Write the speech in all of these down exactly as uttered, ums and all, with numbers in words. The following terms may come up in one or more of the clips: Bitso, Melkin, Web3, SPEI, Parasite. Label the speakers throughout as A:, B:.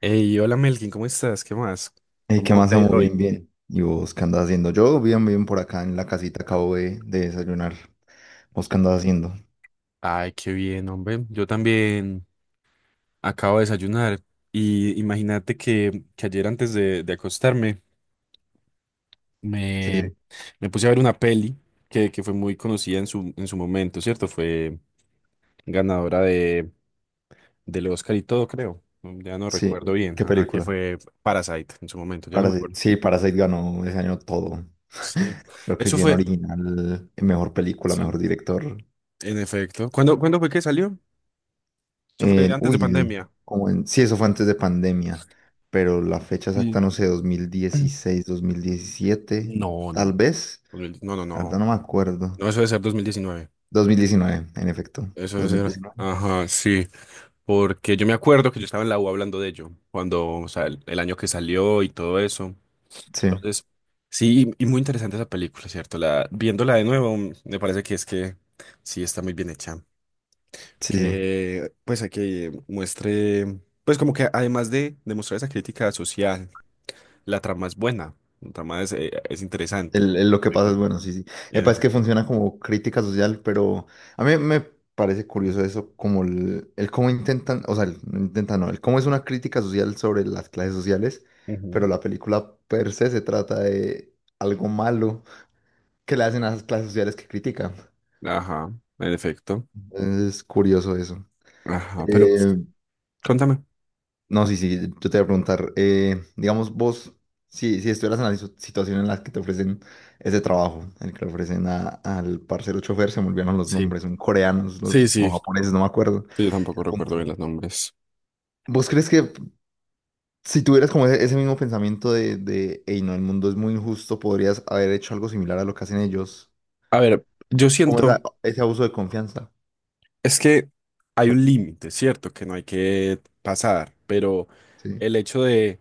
A: Hey, hola Melkin, ¿cómo estás? ¿Qué más?
B: Hey, ¿qué
A: ¿Cómo
B: más
A: te ha ido
B: amo? Bien,
A: hoy?
B: bien. ¿Y vos qué andas haciendo? Yo bien, bien por acá en la casita, acabo de, de desayunar. ¿Vos qué andas haciendo?
A: Ay, qué bien, hombre. Yo también acabo de desayunar y imagínate que, que ayer antes de, de acostarme
B: Sí, sí.
A: me, me puse a ver una peli que, que fue muy conocida en su, en su momento, ¿cierto? Fue ganadora de, del Oscar y todo, creo. Mm, Ya no
B: Sí,
A: recuerdo bien,
B: ¿qué
A: ajá, que
B: película?
A: fue Parasite en su momento, yo no me
B: Parasite.
A: acuerdo.
B: Sí, Parasite ganó ese año todo.
A: Sí,
B: Creo que
A: eso
B: guión
A: fue,
B: original, mejor película,
A: sí,
B: mejor director.
A: en efecto. ¿Cuándo, cuándo fue que salió? Eso fue
B: En-
A: antes de
B: uy, el-
A: pandemia.
B: como en, sí, eso fue antes de pandemia, pero la fecha exacta,
A: Sí.
B: no sé, dos dos mil dieciséis, dos mil diecisiete,
A: No, no,
B: tal
A: no,
B: vez.
A: dos mil no, no,
B: La verdad
A: no,
B: no me acuerdo.
A: no, eso debe ser dos mil diecinueve,
B: Dos mil diecinueve, en efecto.
A: eso debe
B: Dos mil
A: ser,
B: diecinueve.
A: ajá, sí, porque yo me acuerdo que yo estaba en la U hablando de ello, cuando, o sea, el, el año que salió y todo eso,
B: Sí,
A: entonces, sí, y, y muy interesante esa película, ¿cierto? La, viéndola de nuevo, mm, me parece que es que sí está muy bien hecha,
B: sí, sí.
A: que, pues, a que muestre, pues, como que además de demostrar esa crítica social, la trama es buena, la trama es, eh, es interesante.
B: El- el lo que pasa es bueno, sí, sí. Epa, es que funciona como crítica social, pero a mí me parece curioso eso, como el, el cómo intentan, o sea, el- no intentan, no, el cómo es una crítica social sobre las clases sociales,
A: Ujú.
B: pero la película per se se trata de algo malo que le hacen a las clases sociales que critican.
A: Ajá, en efecto.
B: Es curioso eso.
A: Ajá, pero
B: Eh,
A: contame.
B: No, sí, sí, yo te voy a preguntar, eh, digamos vos, si, si estuvieras en la situ- situación en la que te ofrecen ese trabajo, el que le ofrecen a- al parcero chofer, se me olvidaron los
A: Sí,
B: nombres, son coreanos
A: sí,
B: los, o
A: sí.
B: japoneses, no me acuerdo,
A: Yo tampoco
B: el
A: recuerdo
B: punto.
A: bien los nombres.
B: ¿Vos crees que si tuvieras como ese, ese mismo pensamiento de, de, hey, no, el mundo es muy injusto, podrías haber hecho algo similar a lo que hacen ellos?
A: A ver, yo
B: Como esa-
A: siento,
B: ese abuso de confianza,
A: es que hay un límite, ¿cierto? Que no hay que pasar, pero
B: ¿sí?
A: el hecho de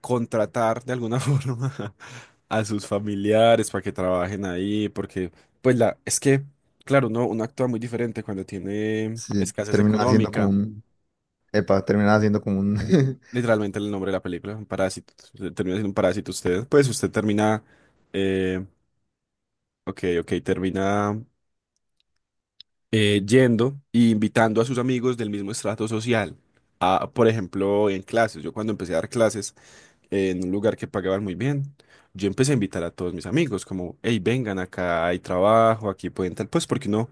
A: contratar de alguna forma a sus familiares para que trabajen ahí, porque, pues la, es que, claro, uno, uno actúa muy diferente cuando tiene
B: Sí,
A: escasez
B: termina siendo como
A: económica.
B: un, epa, termina siendo como un…
A: Literalmente el nombre de la película, un parásito. Se termina siendo un parásito usted. Pues usted termina, eh, ok, ok, termina eh, yendo e invitando a sus amigos del mismo estrato social. A, por ejemplo, en clases. Yo cuando empecé a dar clases, eh, en un lugar que pagaban muy bien, yo empecé a invitar a todos mis amigos, como, hey, vengan acá, hay trabajo, aquí pueden tal. Pues porque no,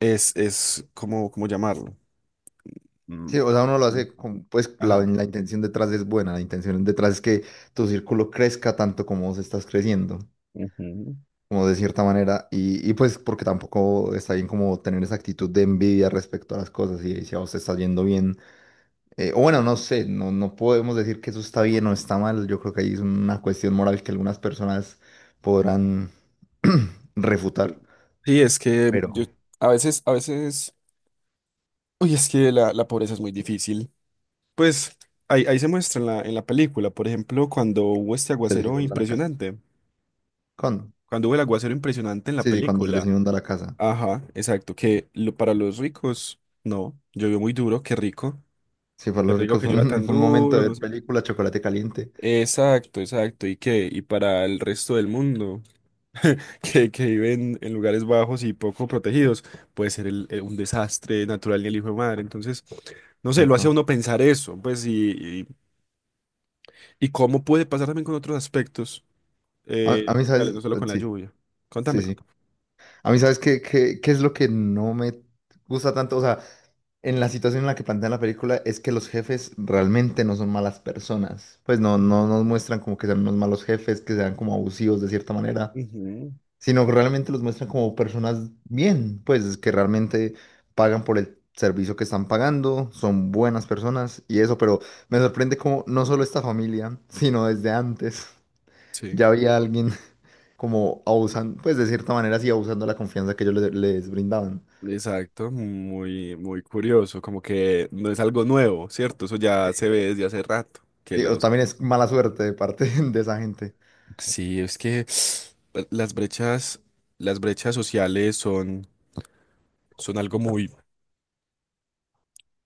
A: es, es como, ¿cómo llamarlo?
B: Sí,
A: Mm,
B: o sea, uno lo
A: mm,
B: hace con, pues la,
A: ajá.
B: la intención detrás es buena, la intención detrás es que tu círculo crezca tanto como vos estás creciendo,
A: Ujú.
B: como de cierta manera, y, y pues porque tampoco está bien como tener esa actitud de envidia respecto a las cosas y si a vos te está yendo bien, eh, o bueno, no sé, no, no podemos decir que eso está bien o está mal, yo creo que ahí es una cuestión moral que algunas personas podrán refutar,
A: Sí, es que
B: pero
A: yo a veces, a veces Uy, es que la, la, pobreza es muy difícil. Pues ahí, ahí se muestra en la, en la película, por ejemplo, cuando hubo este
B: se les
A: aguacero
B: inunda la casa.
A: impresionante,
B: ¿Cuándo?
A: cuando hubo el aguacero impresionante en la
B: Sí, sí, cuando se les
A: película.
B: inunda la casa.
A: Ajá, exacto, que lo, para los ricos, no, llovió muy duro, qué rico,
B: Sí, para
A: qué
B: los
A: rico
B: ricos
A: que
B: fue
A: llueva
B: un,
A: tan
B: fue un momento de
A: duro, no
B: ver
A: sé qué.
B: película, chocolate caliente.
A: Exacto, exacto, y que, y para el resto del mundo, que, que viven en lugares bajos y poco protegidos, puede ser el- el- un desastre natural ni el hijo de madre, entonces... No sé, lo hace a
B: Epa.
A: uno pensar eso, pues, y, ¿Y cómo puede pasar también con otros aspectos?
B: A, a
A: Eh,
B: mí,
A: dale, no
B: ¿sabes?
A: solo
B: Eh,
A: con la
B: Sí,
A: lluvia. Contame,
B: sí, sí.
A: contame.
B: A mí, ¿sabes qué, qué, qué es lo que no me gusta tanto? O sea, en la situación en la que plantean la película es que los jefes realmente no son malas personas. Pues no, no
A: Ujú,
B: nos muestran como que sean unos malos jefes, que sean como abusivos de cierta manera.
A: ujú.
B: Sino que realmente los muestran como personas bien, pues que realmente pagan por el servicio que están pagando, son buenas personas y eso, pero me sorprende como no solo esta familia, sino desde antes
A: Sí,
B: ya había alguien como abusando, pues de cierta manera sí abusando de la confianza que ellos le- les, brindaban.
A: exacto, muy, muy curioso, como que no es algo nuevo, ¿cierto? Eso ya se ve desde hace rato, que
B: Sí, o
A: los...
B: también es mala suerte de parte de esa gente.
A: Sí, es que las brechas, las brechas, sociales son, son algo muy,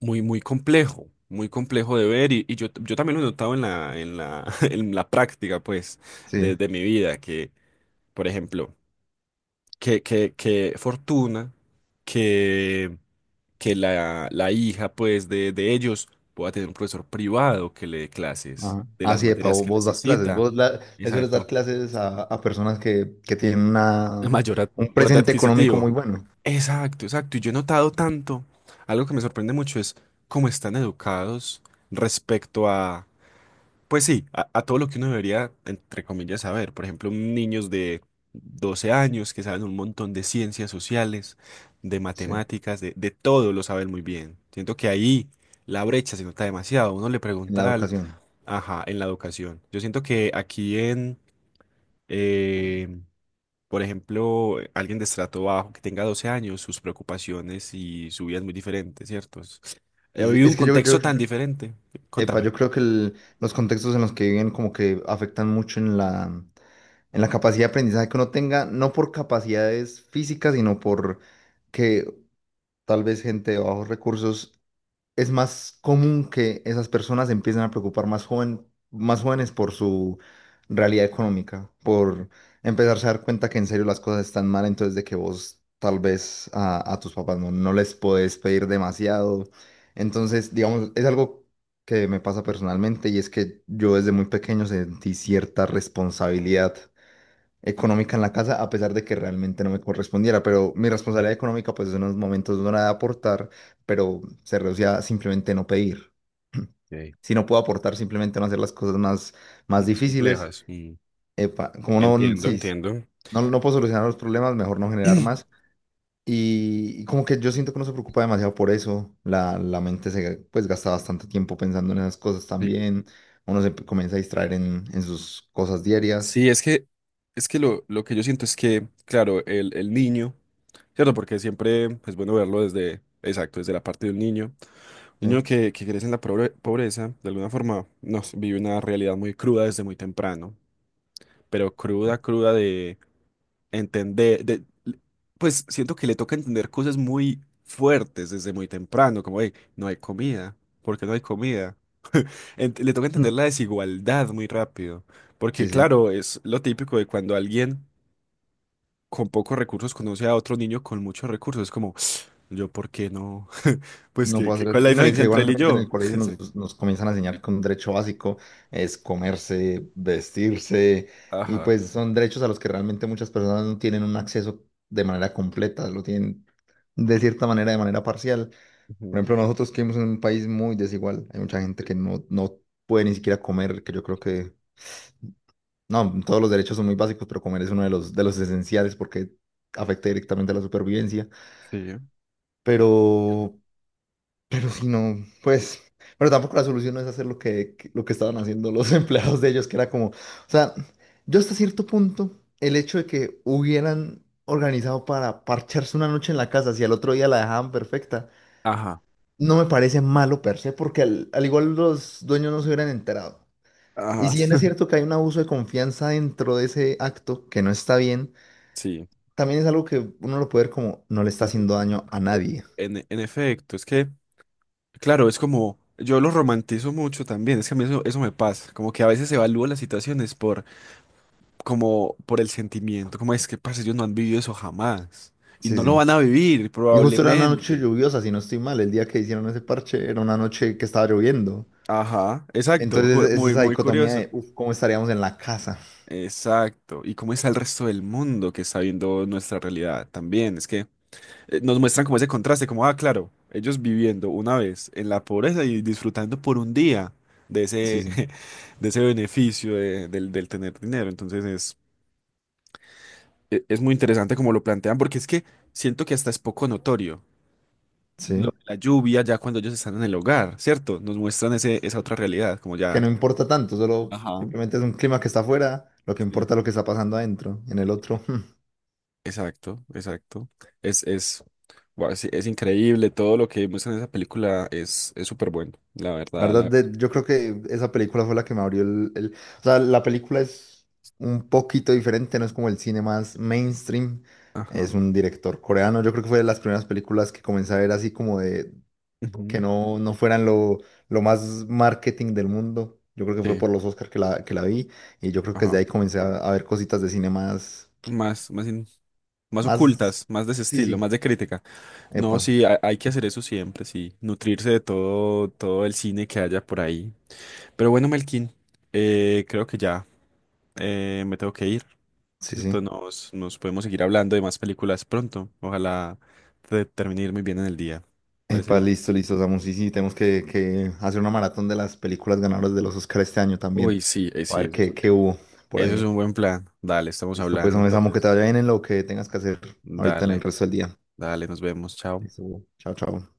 A: muy, muy complejo, muy complejo de ver y, y, yo, yo también lo he notado en la, en la, en la práctica, pues,
B: Sí.
A: desde mi vida, que, por ejemplo, que, que, que Fortuna, que, que la, la hija pues de, de ellos pueda tener un profesor privado que le dé clases
B: Ajá.
A: de
B: Ah,
A: las
B: sí. Epa,
A: materias
B: vos,
A: que
B: vos das clases,
A: necesita.
B: vos la- le sueles dar
A: Exacto.
B: clases a, a personas que, que tienen una,
A: Mayor ad-
B: un
A: poder
B: presente económico muy
A: adquisitivo.
B: bueno.
A: Exacto, exacto. Y yo he notado tanto, algo que me sorprende mucho es cómo están educados respecto a, pues sí, a, a todo lo que uno debería, entre comillas, saber. Por ejemplo, niños de doce años que saben un montón de ciencias sociales, de
B: Sí.
A: matemáticas, de, de todo lo saben muy bien. Siento que ahí la brecha se nota demasiado. Uno le
B: En la
A: pregunta al,
B: educación.
A: ajá, en la educación. Yo siento que aquí en, eh, por ejemplo, eh, alguien de estrato bajo que tenga doce años, sus preocupaciones y su vida es muy diferente, ¿cierto? Es- He
B: Sí, sí,
A: vivido un
B: es que yo,
A: contexto
B: yo,
A: tan
B: yo-
A: diferente.
B: epa,
A: Contame.
B: yo creo que el- los contextos en los que viven como que afectan mucho en la, en la capacidad de aprendizaje que uno tenga, no por capacidades físicas, sino por que tal vez gente de bajos recursos es más común que esas personas se empiecen a preocupar más joven, más jóvenes por su realidad económica, por empezarse a dar cuenta que en serio las cosas están mal, entonces de que vos tal vez a, a tus papás no, no les podés pedir demasiado. Entonces, digamos, es algo que me pasa personalmente y es que yo desde muy pequeño sentí cierta responsabilidad económica en la casa, a pesar de que realmente no me correspondiera, pero mi responsabilidad económica pues en unos momentos no era de aportar, pero se reducía a simplemente no pedir.
A: Ok.
B: Si no puedo aportar, simplemente no hacer las cosas más,
A: Muy
B: más difíciles.
A: complejas.
B: Epa, como no,
A: Entiendo,
B: sí,
A: entiendo.
B: no, no puedo solucionar los problemas, mejor no generar más. Y, y como que yo siento que no se preocupa demasiado por eso, la, la mente se pues gasta bastante tiempo pensando en esas cosas
A: Sí,
B: también, uno se comienza a distraer en, en sus cosas diarias.
A: sí, es que, es que lo, lo, que yo siento es que, claro, el, el niño, ¿cierto? Porque siempre es bueno verlo desde, exacto, desde la parte de un niño. Un
B: Sí,
A: niño que, que crece en la pobre- pobreza, de alguna forma, no, sé, vive una realidad muy cruda desde muy temprano, pero cruda, cruda de entender, de, pues siento que le toca entender cosas muy fuertes desde muy temprano, como, hey, no hay comida, ¿por qué no hay comida? Ent- Le toca
B: Mm.
A: entender la desigualdad muy rápido, porque
B: Sí, sí.
A: claro, es lo típico de cuando alguien con pocos recursos conoce a otro niño con muchos recursos, es como, yo, ¿por qué no? Pues,
B: No
A: ¿qué,
B: puedo
A: qué-
B: hacer
A: cuál
B: así.
A: es la
B: Y no, y
A: diferencia
B: que
A: entre él y
B: igualmente en el
A: yo?
B: colegio
A: Exacto.
B: nos, nos comienzan a enseñar que un derecho básico es comerse, vestirse, y
A: Ajá.
B: pues son derechos a los que realmente muchas personas no tienen un acceso de manera completa, lo tienen de cierta manera, de manera parcial. Por
A: Ujú.
B: ejemplo, nosotros que vivimos en un país muy desigual, hay mucha gente
A: Sí.
B: que no, no puede ni siquiera comer, que yo creo que, no, todos los derechos son muy básicos, pero comer es uno de los, de los, esenciales porque afecta directamente a la supervivencia.
A: Sí.
B: Pero Pero si no, pues, pero tampoco la solución no es hacer lo que, que- lo que estaban haciendo los empleados de ellos, que era como, o sea, yo hasta cierto punto, el hecho de que hubieran organizado para parcharse una noche en la casa, si al otro día la dejaban perfecta,
A: Ajá.
B: no me parece malo per se, porque al, al igual los dueños no se hubieran enterado. Y
A: Ajá.
B: si bien es cierto que hay un abuso de confianza dentro de ese acto, que no está bien,
A: Sí.
B: también es algo que uno lo puede ver como no le está haciendo daño a
A: E-
B: nadie.
A: En, en efecto, es que, claro, es como, yo lo romantizo mucho también, es que a mí eso, eso me pasa, como que a veces evalúo las situaciones por como por el sentimiento, como es que, parce, ellos no han vivido eso jamás y
B: Sí,
A: no lo
B: sí.
A: van a vivir
B: Y justo era una noche
A: probablemente.
B: lluviosa, si no estoy mal, el día que hicieron ese parche era una noche que estaba lloviendo.
A: Ajá, exacto,
B: Entonces
A: ju-
B: es
A: muy,
B: esa
A: muy
B: dicotomía
A: curioso.
B: de, uff, ¿cómo estaríamos en la casa?
A: Exacto. ¿Y cómo está el resto del mundo que está viendo nuestra realidad también? Es que eh, nos muestran como ese contraste, como, ah, claro, ellos viviendo una vez en la pobreza y disfrutando por un día de
B: Sí,
A: ese,
B: sí,
A: de ese beneficio de- del, del tener dinero. Entonces es, e- es muy interesante como lo plantean, porque es que siento que hasta es poco notorio lo
B: sí.
A: de la lluvia ya cuando ellos están en el hogar, ¿cierto? Nos muestran ese, esa otra realidad, como
B: Que
A: ya.
B: no importa tanto, solo
A: Ajá.
B: simplemente es un clima que está afuera, lo que
A: Sí.
B: importa es lo que está pasando adentro, en el otro.
A: Exacto, exacto. Es, es, guau, sí, es, increíble, todo lo que muestran en esa película es, es súper bueno, la
B: La
A: verdad, la
B: verdad,
A: verdad.
B: de- yo creo que esa película fue la que me abrió el, el- o sea, la película es un poquito diferente, no es como el cine más mainstream.
A: Ajá.
B: Es un director coreano, yo creo que fue de las primeras películas que comencé a ver así como de que
A: Ujú,
B: no, no fueran lo, lo, más marketing del mundo. Yo creo que fue
A: sí,
B: por los Oscars que la, que la vi y yo creo que desde
A: ajá.
B: ahí comencé a, a ver cositas de cine más,
A: Más, más, in- más
B: más,
A: ocultas, más de ese
B: sí,
A: estilo, más
B: sí,
A: de crítica. No,
B: epa,
A: sí, ha- hay, que hacer eso siempre, sí. Nutrirse de todo, todo el cine que haya por ahí. Pero bueno, Melkin, eh, creo que ya eh, me tengo que ir.
B: sí, sí.
A: ¿Cierto? Nos, nos podemos seguir hablando de más películas pronto. Ojalá te termine de ir muy bien en el día. Parece
B: Epa,
A: bien.
B: listo, listo, Samu, sí, sí, tenemos que, que hacer una maratón de las películas ganadoras de los Oscars este año también,
A: Uy, sí, eh,
B: a
A: sí,
B: ver
A: eso es,
B: qué,
A: un-
B: qué hubo por
A: eso es
B: ahí.
A: un buen plan. Dale, estamos
B: Listo, pues,
A: hablando
B: hombre, Samu, que te
A: entonces.
B: vaya bien en lo que tengas que hacer ahorita en el
A: Dale,
B: resto del día.
A: dale, nos vemos. Chao.
B: Listo, chao, chao.